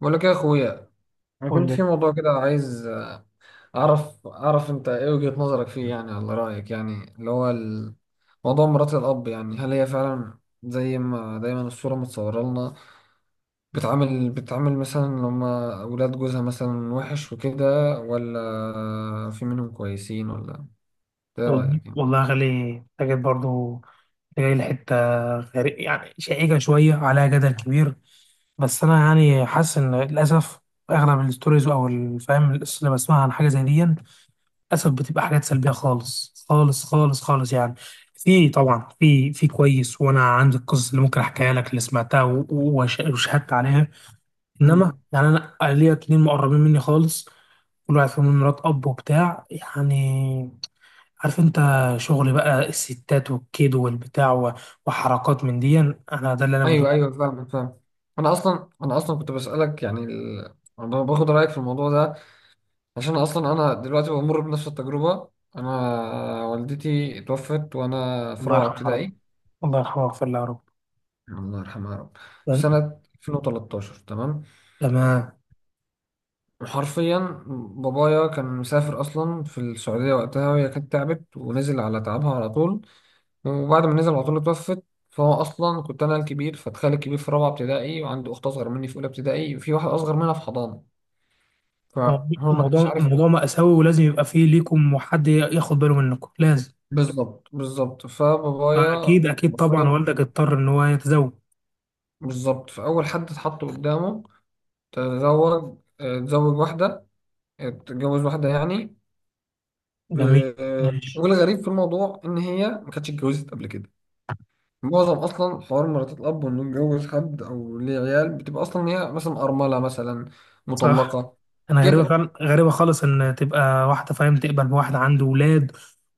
بقول لك إيه يا اخويا. انا قول كنت لي. في موضوع كده عايز اعرف انت ايه وجهة نظرك فيه، يعني على رايك، موضوع مرات الاب، يعني هل هي فعلا زي ما دايما الصوره متصوره لنا؟ بتعامل مثلا لما اولاد جوزها، مثلا وحش وكده، ولا في منهم كويسين ولا ايه وال- رايك يعني؟ والله يا غالي، انت جيت برضه. انت جاي لحته غريب، يعني شائكه، شويه عليها جدل كبير. بس انا يعني حاسس ان للاسف اغلب الستوريز او الفهم اللي بسمعها عن حاجه زي دي، للاسف بتبقى حاجات سلبيه خالص خالص خالص خالص يعني. في طبعا، في كويس، وانا عندي القصص اللي ممكن احكيها لك، اللي سمعتها وشهدت عليها. انما امم. يعني انا ليا اتنين مقربين مني خالص، كل واحد فيهم من مرات اب وبتاع يعني. عارف انت، شغل بقى الستات والكيد والبتاع وحركات من دي، انا ده اللي انا بشوفه. ايوه ايوه، فاهم فاهم. انا اصلا كنت بسالك يعني أنا باخد رايك في الموضوع ده عشان اصلا انا دلوقتي بمر بنفس التجربه. انا والدتي توفت وانا في الله رابعه يرحمه يا رب، ابتدائي، الله يرحمه ويغفر له يا رب. الله يرحمها يا رب، في سنه 2013. تمام. تمام. وحرفيا بابايا كان مسافر اصلا في السعوديه وقتها، وهي كانت تعبت ونزل على تعبها على طول، وبعد ما نزل على طول اتوفت. فهو اصلا كنت انا الكبير، فتخيل الكبير في رابعه ابتدائي وعنده اخت اصغر مني في اولى ابتدائي وفي واحد اصغر منها في حضانه، موضوع فهو ما كانش موضوع عارف. موضوع مأساوي، ولازم يبقى فيه ليكم وحد ياخد باله منكم لازم. بالظبط بالظبط، فبابايا فأكيد أكيد طبعا حرفيا والدك اضطر إن هو يتزوج. بالظبط، فأول حد اتحط قدامه تزوج. تزوج واحدة. تتجوز واحدة يعني. جميل. ماشي. والغريب في الموضوع إن هي ما كانتش اتجوزت قبل كده. معظم أصلا حوار مرات الأب إنه يتجوز حد أو ليه عيال، بتبقى أصلا هي مثلا أرملة، مثلا صح. مطلقة. انا غريبه كده فعلا، غريبه خالص ان تبقى واحده، فاهم، تقبل بواحد عنده ولاد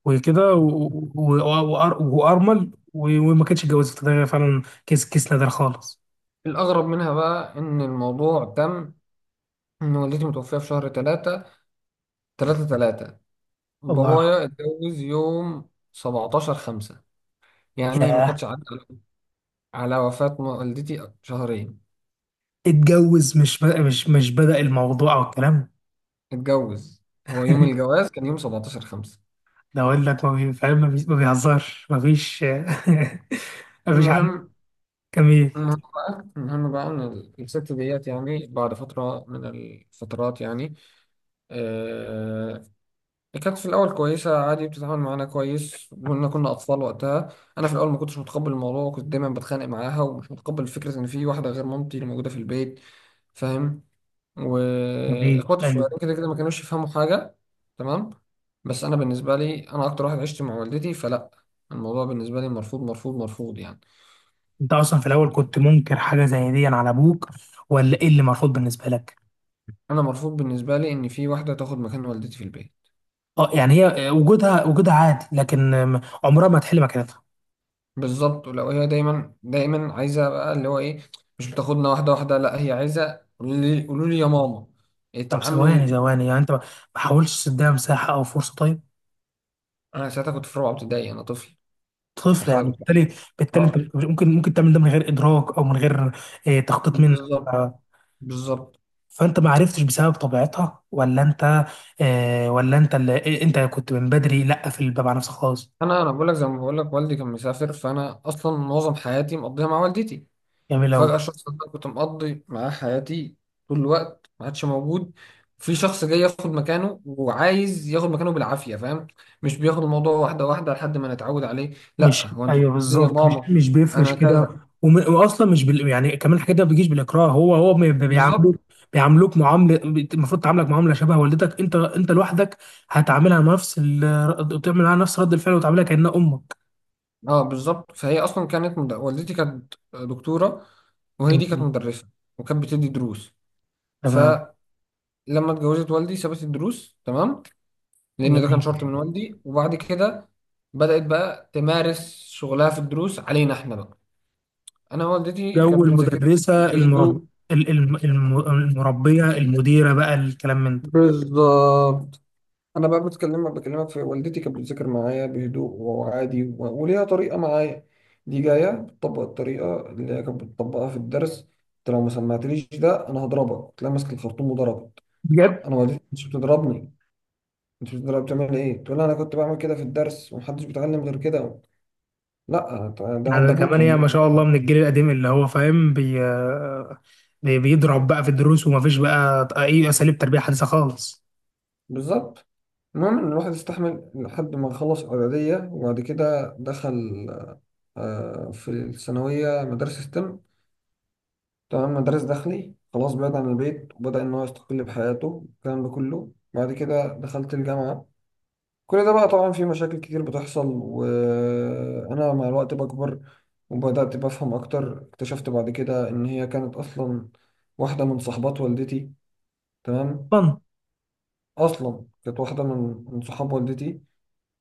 وكده، وارمل، وما كانتش اتجوزت. ده فعلا كيس نادر خالص. الأغرب منها بقى إن الموضوع تم، إن والدتي متوفية في شهر تلاتة، تلاتة تلاتة، الله يرحمه. بابايا اتجوز يوم 17 خمسة. يعني ما كانتش ياه. عدى على وفاة والدتي شهرين، اتجوز؟ مش بدأ الموضوع او الكلام؟ اتجوز. هو يوم الجواز كان يوم 17 خمسة. ده اقول لك، ما بي- فاهم، ما بيهزرش. ما فيش ما فيش عن. المهم، جميل. المهم بقى إن الست ديت يعني بعد فترة من الفترات يعني، آه، كانت في الأول كويسة عادي، بتتعامل معانا كويس، وإن كنا أطفال وقتها. أنا في الأول ما كنتش متقبل الموضوع، وكنت دايما بتخانق معاها، ومش متقبل فكرة إن في واحدة غير مامتي اللي موجودة في البيت، فاهم؟ جميل، واخواتي ايوه. الصغيرين كده كده ما كانوش يفهموا حاجه. تمام. بس انا بالنسبه لي انا اكتر واحد عشت مع والدتي، فلا، الموضوع بالنسبه لي مرفوض مرفوض مرفوض يعني. انت اصلا في الاول كنت منكر حاجه زي دي على ابوك، ولا ايه اللي مرفوض بالنسبه لك؟ انا مرفوض بالنسبه لي ان في واحده تاخد مكان والدتي في البيت. اه يعني هي، وجودها عادي، لكن عمرها ما تحل مكانتها. بالظبط. ولو هي دايما دايما عايزه بقى اللي هو ايه، مش بتاخدنا واحده واحده، لا هي عايزه قولوا لي قولوا لي يا ماما. طب ثواني اتعامل. ثواني، يعني انت ما حاولتش تديها مساحه او فرصه طيب؟ انا ساعتها كنت في رابعه ابتدائي، انا طفل، طفل، يعني استحاله كنت. بالتالي انت آه، ممكن تعمل ده من غير ادراك او من غير تخطيط منك. ف- بالظبط بالظبط. فانت ما عرفتش بسبب طبيعتها، ولا انت ولا انت اللي، انت كنت من بدري لا في الباب على نفسك خالص؟ انا بقول لك زي ما بقول لك والدي كان مسافر، فانا اصلا معظم حياتي مقضيها مع والدتي، جميل قوي. فجاه الشخص اللي أنا كنت مقضي معاه حياتي طول الوقت ما عادش موجود، في شخص جاي ياخد مكانه وعايز ياخد مكانه بالعافيه، فاهم؟ مش بياخد الموضوع واحده واحده لحد ما نتعود عليه، لا مش، هو انت ايوه، بتقولي يا بالظبط. مش ماما. مش بيفرش انا كده. كذا. واصلا مش بال... يعني، كمان الحاجات دي ما بيجيش بالاكراه. هو هو بي- بالظبط. بيعاملوك المفروض تعاملك معامله شبه والدتك. انت لوحدك تعمل معاها نفس رد الفعل، وتعاملها كانها امك. اه بالظبط، فهي اصلا والدتي كانت دكتوره، وهي دي كانت جميل. مدرسه، وكانت بتدي دروس. تمام. فلما اتجوزت والدي سابت الدروس، تمام، لان ده كان جميل. شرط من والدي. وبعد كده بدأت بقى تمارس شغلها في الدروس علينا احنا بقى. انا والدتي جو كانت بتذاكر المدرسه، المرب... بهدوء. ال- الم- الم- المربيه المديره بقى، الكلام من ده. بالظبط. انا بقى بكلمك، في والدتي كانت بتذاكر معايا بهدوء وعادي، وليها طريقه معايا. دي جايه بتطبق الطريقه اللي هي كانت بتطبقها في الدرس. انت لو ما سمعتليش ده انا هضربك، تلاقي ماسك الخرطوم وضربت. بجد. انا والدتي مش بتضربني، انت بتضرب، بتعمل ايه؟ تقول لي انا كنت بعمل كده في الدرس ومحدش بيتعلم غير كده. لا، ده عند على كمان ابوكي هي هناك. ما شاء الله من الجيل القديم اللي هو فاهم، بيضرب بقى في الدروس، ومفيش بقى اي اساليب تربيه حديثه خالص. بالظبط. المهم إن الواحد استحمل لحد ما خلص إعدادية، وبعد كده دخل في الثانوية مدارس ستيم، تمام، مدارس داخلي، خلاص، بعيد عن البيت، وبدأ إن هو يستقل بحياته. الكلام ده كله بعد كده دخلت الجامعة. كل ده بقى طبعا في مشاكل كتير بتحصل وأنا مع الوقت بكبر، وبدأت بفهم أكتر. اكتشفت بعد كده إن هي كانت أصلا واحدة من صحبات والدتي. تمام. طبعا. أصلا كانت واحدة من صحاب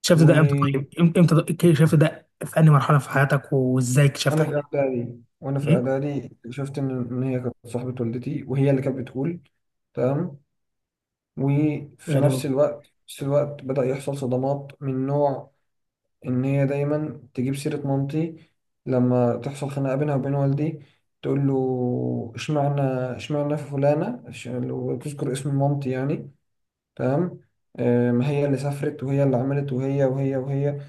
شفت ده امتى والدتي. طيب؟ امتى شفت ده؟ في انهي مرحله في حياتك؟ وازاي اكتشفت حاجه؟ وانا في ايه؟ اعدادي شفت ان إن هي كانت صاحبة والدتي وهي اللي كانت بتقول. تمام. وفي غريبه. نفس الوقت في نفس الوقت بدأ يحصل صدمات من نوع ان هي دايما تجيب سيرة مامتي لما تحصل خناقة بينها وبين والدي. تقول له اشمعنى، اشمعنى في فلانة لو تذكر اسم مامتي يعني. تمام. ما هي اللي سافرت وهي اللي عملت وهي وهي وهي.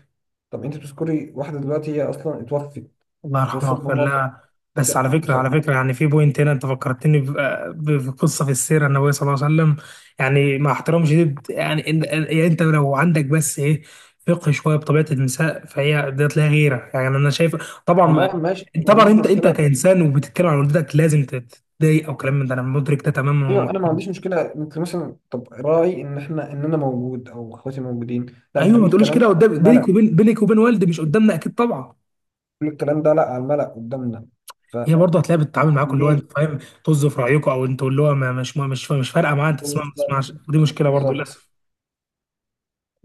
طب انت بتذكري واحدة دلوقتي هي اصلا اتوفت، الله يرحمه اتوفت ويغفر بمرض. لها. بس على فكره يعني في بوينت هنا انت فكرتني بقصه في السيره النبويه صلى الله عليه وسلم. يعني مع احترام شديد، يعني يعني انت لو عندك بس ايه، فقه شويه بطبيعه النساء، فهي ديت لها غيره. يعني انا شايف. طبعا تمام ماشي، ما طبعا عنديش انت مشكله. كانسان وبتتكلم عن والدتك لازم تتضايق او كلام من ده، انا مدرك ده تماما ايوه انا ما ومحترم. عنديش مشكله، انت مثلا طب راعي ان احنا، ان انا موجود او اخواتي موجودين، لا ايوه، ما بتقولي تقوليش الكلام ده كده على قدام. بينك الملأ. وبين بينك وبين والدي، مش قدامنا، اكيد طبعا. بتقولي الكلام ده لا على الملأ قدامنا، هي برضه هتلاقيها بتتعامل معاكم اللي هو، انت فليه؟ فاهم، طز في رايكم. او انتوا اللي هو، مش فارقه معاه، انت تسمع ما بالظبط تسمعش، ودي مشكله برضه بالظبط. للاسف.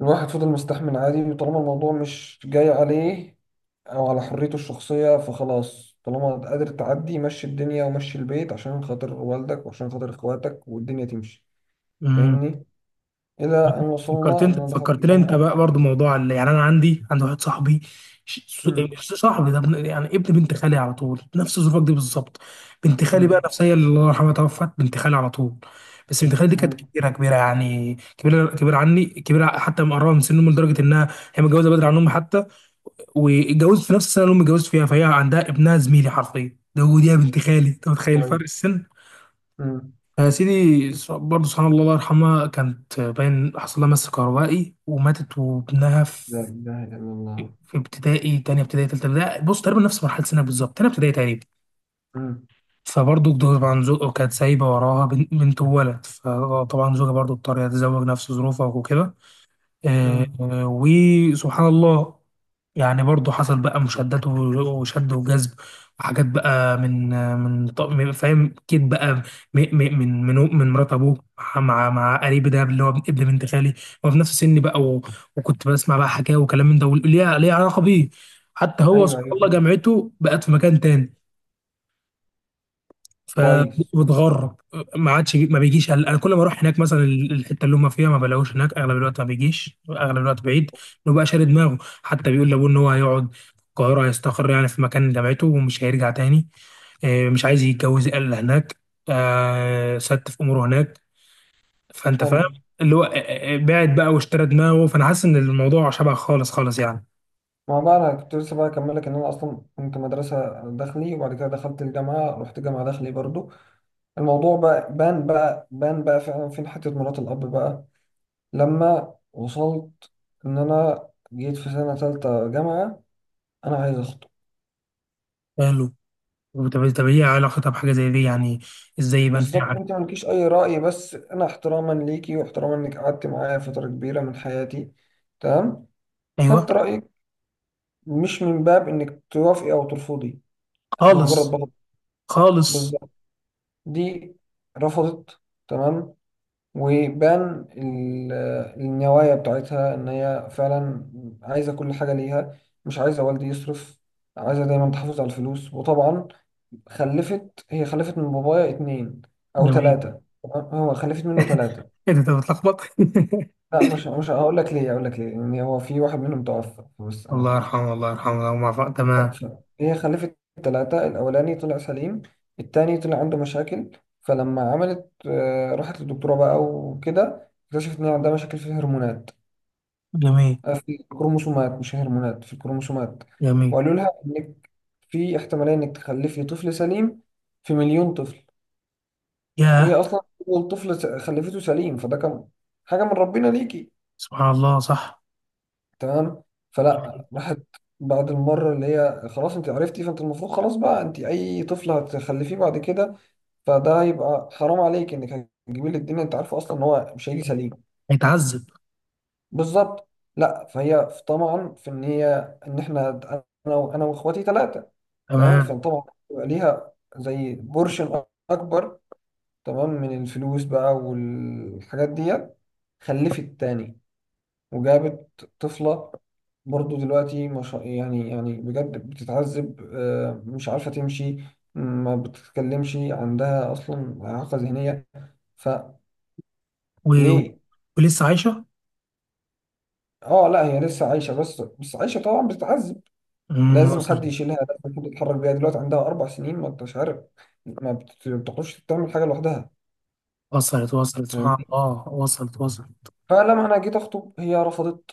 الواحد فضل مستحمل عادي، وطالما الموضوع مش جاي عليه او على حريته الشخصيه فخلاص، طالما قادر تعدي مشي الدنيا ومشي البيت عشان خاطر والدك وعشان خاطر اخواتك والدنيا تمشي. امم فاهمني؟ الى ان وصلنا فكرتني ان انا دخلت فكرتني انت الجامعه. بقى برضه موضوع اللي، يعني انا عندي واحد صاحبي، ش- س- امم. مش صاحبي ده، ابن بنت خالي على طول، نفس ظروفك دي بالظبط. بنت خالي بقى امم. نفسها، هي اللي الله يرحمها توفت، بنت خالي على طول. بس بنت خالي دي كانت مم. كبيره كبيره، يعني كبيره كبيره عني، كبيره حتى مقربه من سن امي، لدرجه انها هي متجوزه بدري عن امي حتى، واتجوزت في نفس السنه اللي امي اتجوزت فيها. فهي عندها ابنها زميلي حرفيا ده، ودي يا بنت خالي، انت متخيل فرق كويس. السن. مم. فيا سيدي، برضه سبحان الله، الله يرحمها، كانت باين حصل لها مس كهربائي وماتت، وابنها لا في إله إلا الله. في ابتدائي. تانية ابتدائي، تالتة ابتدائي، بص، تقريبا نفس مرحلة سنك بالظبط، تانية ابتدائي تقريبا. مم. فبرضه طبعا زوجها، كانت سايبة وراها بنت وولد. فطبعا زوجها برضه اضطر يتزوج نفس ظروفها وكده. مم. وسبحان الله. يعني برضه حصل بقى مشادات وشد وجذب، وحاجات بقى من آه، من ط- من- فاهم اكيد بقى، من مرات ابوه، مع قريب ده اللي هو ابن بنت خالي. هو في نفس سني بقى، وكنت بسمع بقى حكاوي وكلام من ده، وليه علاقه بيه. حتى هو أيوه سبحان أيوه الله فهمت. جامعته بقت في مكان تاني، كويس. فبتغرب، ما عادش، ما بيجيش. انا كل ما اروح هناك مثلا الحته اللي هم فيها ما بلاقوش هناك، اغلب الوقت ما بيجيش، اغلب الوقت بعيد. انه بقى شاري دماغه، حتى بيقول لابوه ان هو هيقعد في القاهره، هيستقر يعني في مكان جامعته ومش هيرجع تاني. مش عايز يتجوز الا هناك. ست في اموره هناك. فانت حلو. فاهم اللي هو، بعد بقى واشترى دماغه، فانا حاسس ان الموضوع شبه خالص خالص يعني. ما بقى أنا كنت لسه بقى أكمل لك إن أنا أصلا كنت مدرسة داخلي وبعد كده دخلت الجامعة، رحت جامعة داخلي برضو. الموضوع بقى بان بقى بان بقى فعلا فين حتة مرات الأب بقى لما وصلت إن أنا جيت في سنة تالتة جامعة أنا عايز أخطب. قالوا؟ طب طب، ايه علاقتها بحاجه زي دي يعني؟ ازاي يبان فيها بالظبط. أنت علاقة؟ مالكيش أي رأي، بس أنا احتراما ليكي واحتراما إنك قعدت معايا فترة كبيرة من حياتي، تمام، ايوه. خدت رأيك، مش من باب انك توافقي او ترفضي، انا مجرد خالص. بطل. خالص. بالظبط. دي رفضت. تمام. وبان ال- النوايا بتاعتها ان هي فعلا عايزه كل حاجه ليها، مش عايزه والدي يصرف، عايزه دايما تحافظ على الفلوس، وطبعا خلفت. هي خلفت من بابايا اتنين او جميل. 3. هو خلفت منه 3، ايه ده انت بتلخبط؟ لا مش هقول لك ليه، هقول لك ليه، ان هو في واحد منهم توفى بس. الله يرحمه، الله يرحمه، الله يرحمه تمام. هي خلفت 3. الأولاني طلع سليم، التاني طلع عنده مشاكل. فلما عملت، راحت للدكتورة بقى وكده، اكتشفت إن هي عندها مشاكل في الهرمونات، جميل. في الكروموسومات، مش هرمونات، في الكروموسومات. جميل. وقالوا لها إنك في احتمالية إنك تخلفي طفل سليم في مليون طفل. وهي ياه، أصلا أول طفل خلفته سليم، فده كان حاجة من ربنا ليكي. سبحان الله. صح تمام. يعني، فلا، راحت بعد المرة اللي هي خلاص انت عرفتي، فانت المفروض خلاص بقى، انت اي طفل هتخلفيه بعد كده فده هيبقى حرام عليك، انك هتجيبي له الدنيا انت عارفه اصلا ان هو مش هيجي سليم. هيتعذب. بالظبط. لا، فهي طبعا في ان هي، ان احنا، انا واخواتي 3. تمام. تمام. فطبعا بيبقى ليها زي بورشن اكبر، تمام، من الفلوس بقى والحاجات ديت. خلفت تاني وجابت طفلة. برضو دلوقتي مش يعني يعني بجد بتتعذب، مش عارفة تمشي، ما بتتكلمش، عندها أصلا إعاقة ذهنية. و... فليه؟ ولسه عايشة؟ اه لا، هي لسه عايشة، بس بس عايشة طبعا بتتعذب. لازم وصلت، حد يشيلها، لازم حد يتحرك بيها، دلوقتي عندها 4 سنين، ما انتش عارف، ما بت- بتعرفش تعمل حاجة لوحدها. وصلت، وصلت، سبحان الله، وصلت، وصلت. فلما انا جيت اخطب هي رفضت،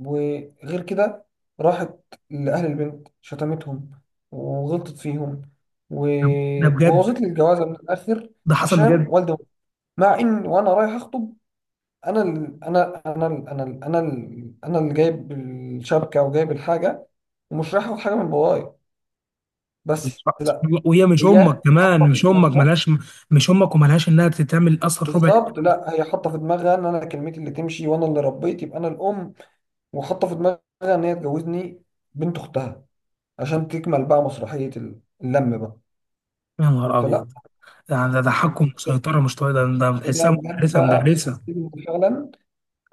وغير كده راحت لاهل البنت، شتمتهم وغلطت فيهم ده ده بجد؟ وبوظت لي الجوازه من الاخر، ده حصل عشان بجد؟ والدي. مع ان وانا رايح اخطب، انا ال... انا انا ال... انا ال... انا ال... انا اللي جايب الشبكه وجايب الحاجه ومش رايح اخد حاجه من بابايا، بس. سبحان الله، وهي مش أمك هي كمان، حاطه في مش أمك، دماغها. ملهاش. مش أمك وملهاش إنها تتعمل أصلا ربع. بالظبط. لا هي حاطه في دماغها ان انا كلمتي اللي تمشي وانا اللي ربيت، يبقى انا الام. وحاطه في دماغها ان هي تجوزني بنت اختها، عشان تكمل بقى مسرحيه اللم بقى. يا نهار فلا، أبيض. ده أنا تحكم وسيطرة مش طبيعي، ده ده بتحسها؟ بجد مدرسة، بقى مدرسة. حسيت ان فعلا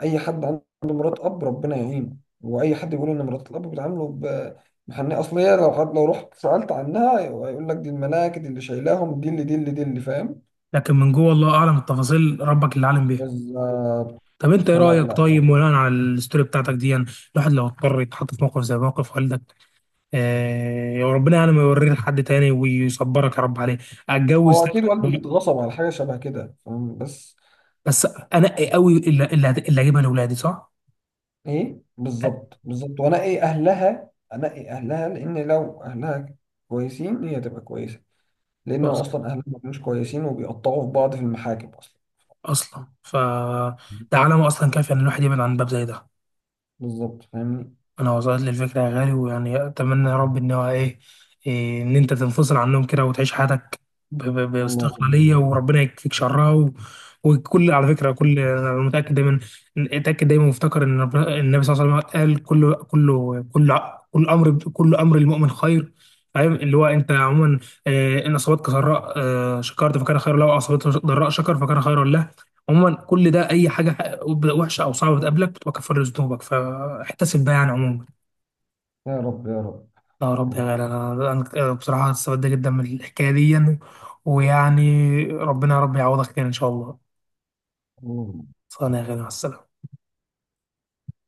اي حد عنده مرات اب ربنا يعينه، واي حد بيقول ان مرات الاب بيتعاملوا ب محنية، اصل هي لو حد، لو رحت سالت عنها هيقول لك دي الملاك، دي اللي شايلاهم، دي اللي فاهم. لكن من جوه الله اعلم التفاصيل، ربك اللي عالم بيها. بالظبط. طب انت ايه فلا رايك لا طيب، يعني، بناء على الستوري بتاعتك دي يعني، الواحد لو اضطر يتحط في موقف زي موقف والدك؟ آه يا ربنا، يعني ما يوريه لحد تاني، ويصبرك يا رب عليه. اتجوز هو اكيد والدي تاني، اتغصب على حاجه شبه كده، فاهم؟ بس بس انقي قوي اللي هجيبها لاولادي، صح؟ ايه، بالظبط بالظبط، وانقي اهلها، انقي اهلها، لان لو اهلها كويسين هي تبقى كويسه، لانه أص- اصلا اهلها ما كانوش كويسين وبيقطعوا في بعض في المحاكم اصلا. اصلا ده علامه اصلا كافيه ان الواحد يبعد عن باب زي ده. بالظبط فاهمني. انا وصلت لي الفكره يا غالي، ويعني اتمنى يا رب ان هو ايه إيه، ان انت تنفصل عنهم كده وتعيش حياتك ب- ب- اللهم باستقلاليه امين. وربنا يكفيك شرها. وكل على فكره كل انا متاكد دايما، اتاكد دايما، وافتكر ان النبي صلى الله عليه وسلم قال، كل امر المؤمن خير. فاهم اللي هو انت عموما، ان اصابتك سراء شكرت فكان خيرا له، واصابتك ضراء شكر فكان خيرا له. عموما كل ده، اي حاجه وحشه او صعبه بتقابلك بتبقى كفاره ذنوبك، فاحتسب بقى يعني عموما. يا رب يا رب لا يا يا رب يا رب. غالي، انا بصراحه استفدت جدا من الحكايه دي، ويعني ربنا يا رب يعوضك خير ان شاء الله. اللهم صانع يا غالي، مع السلامه.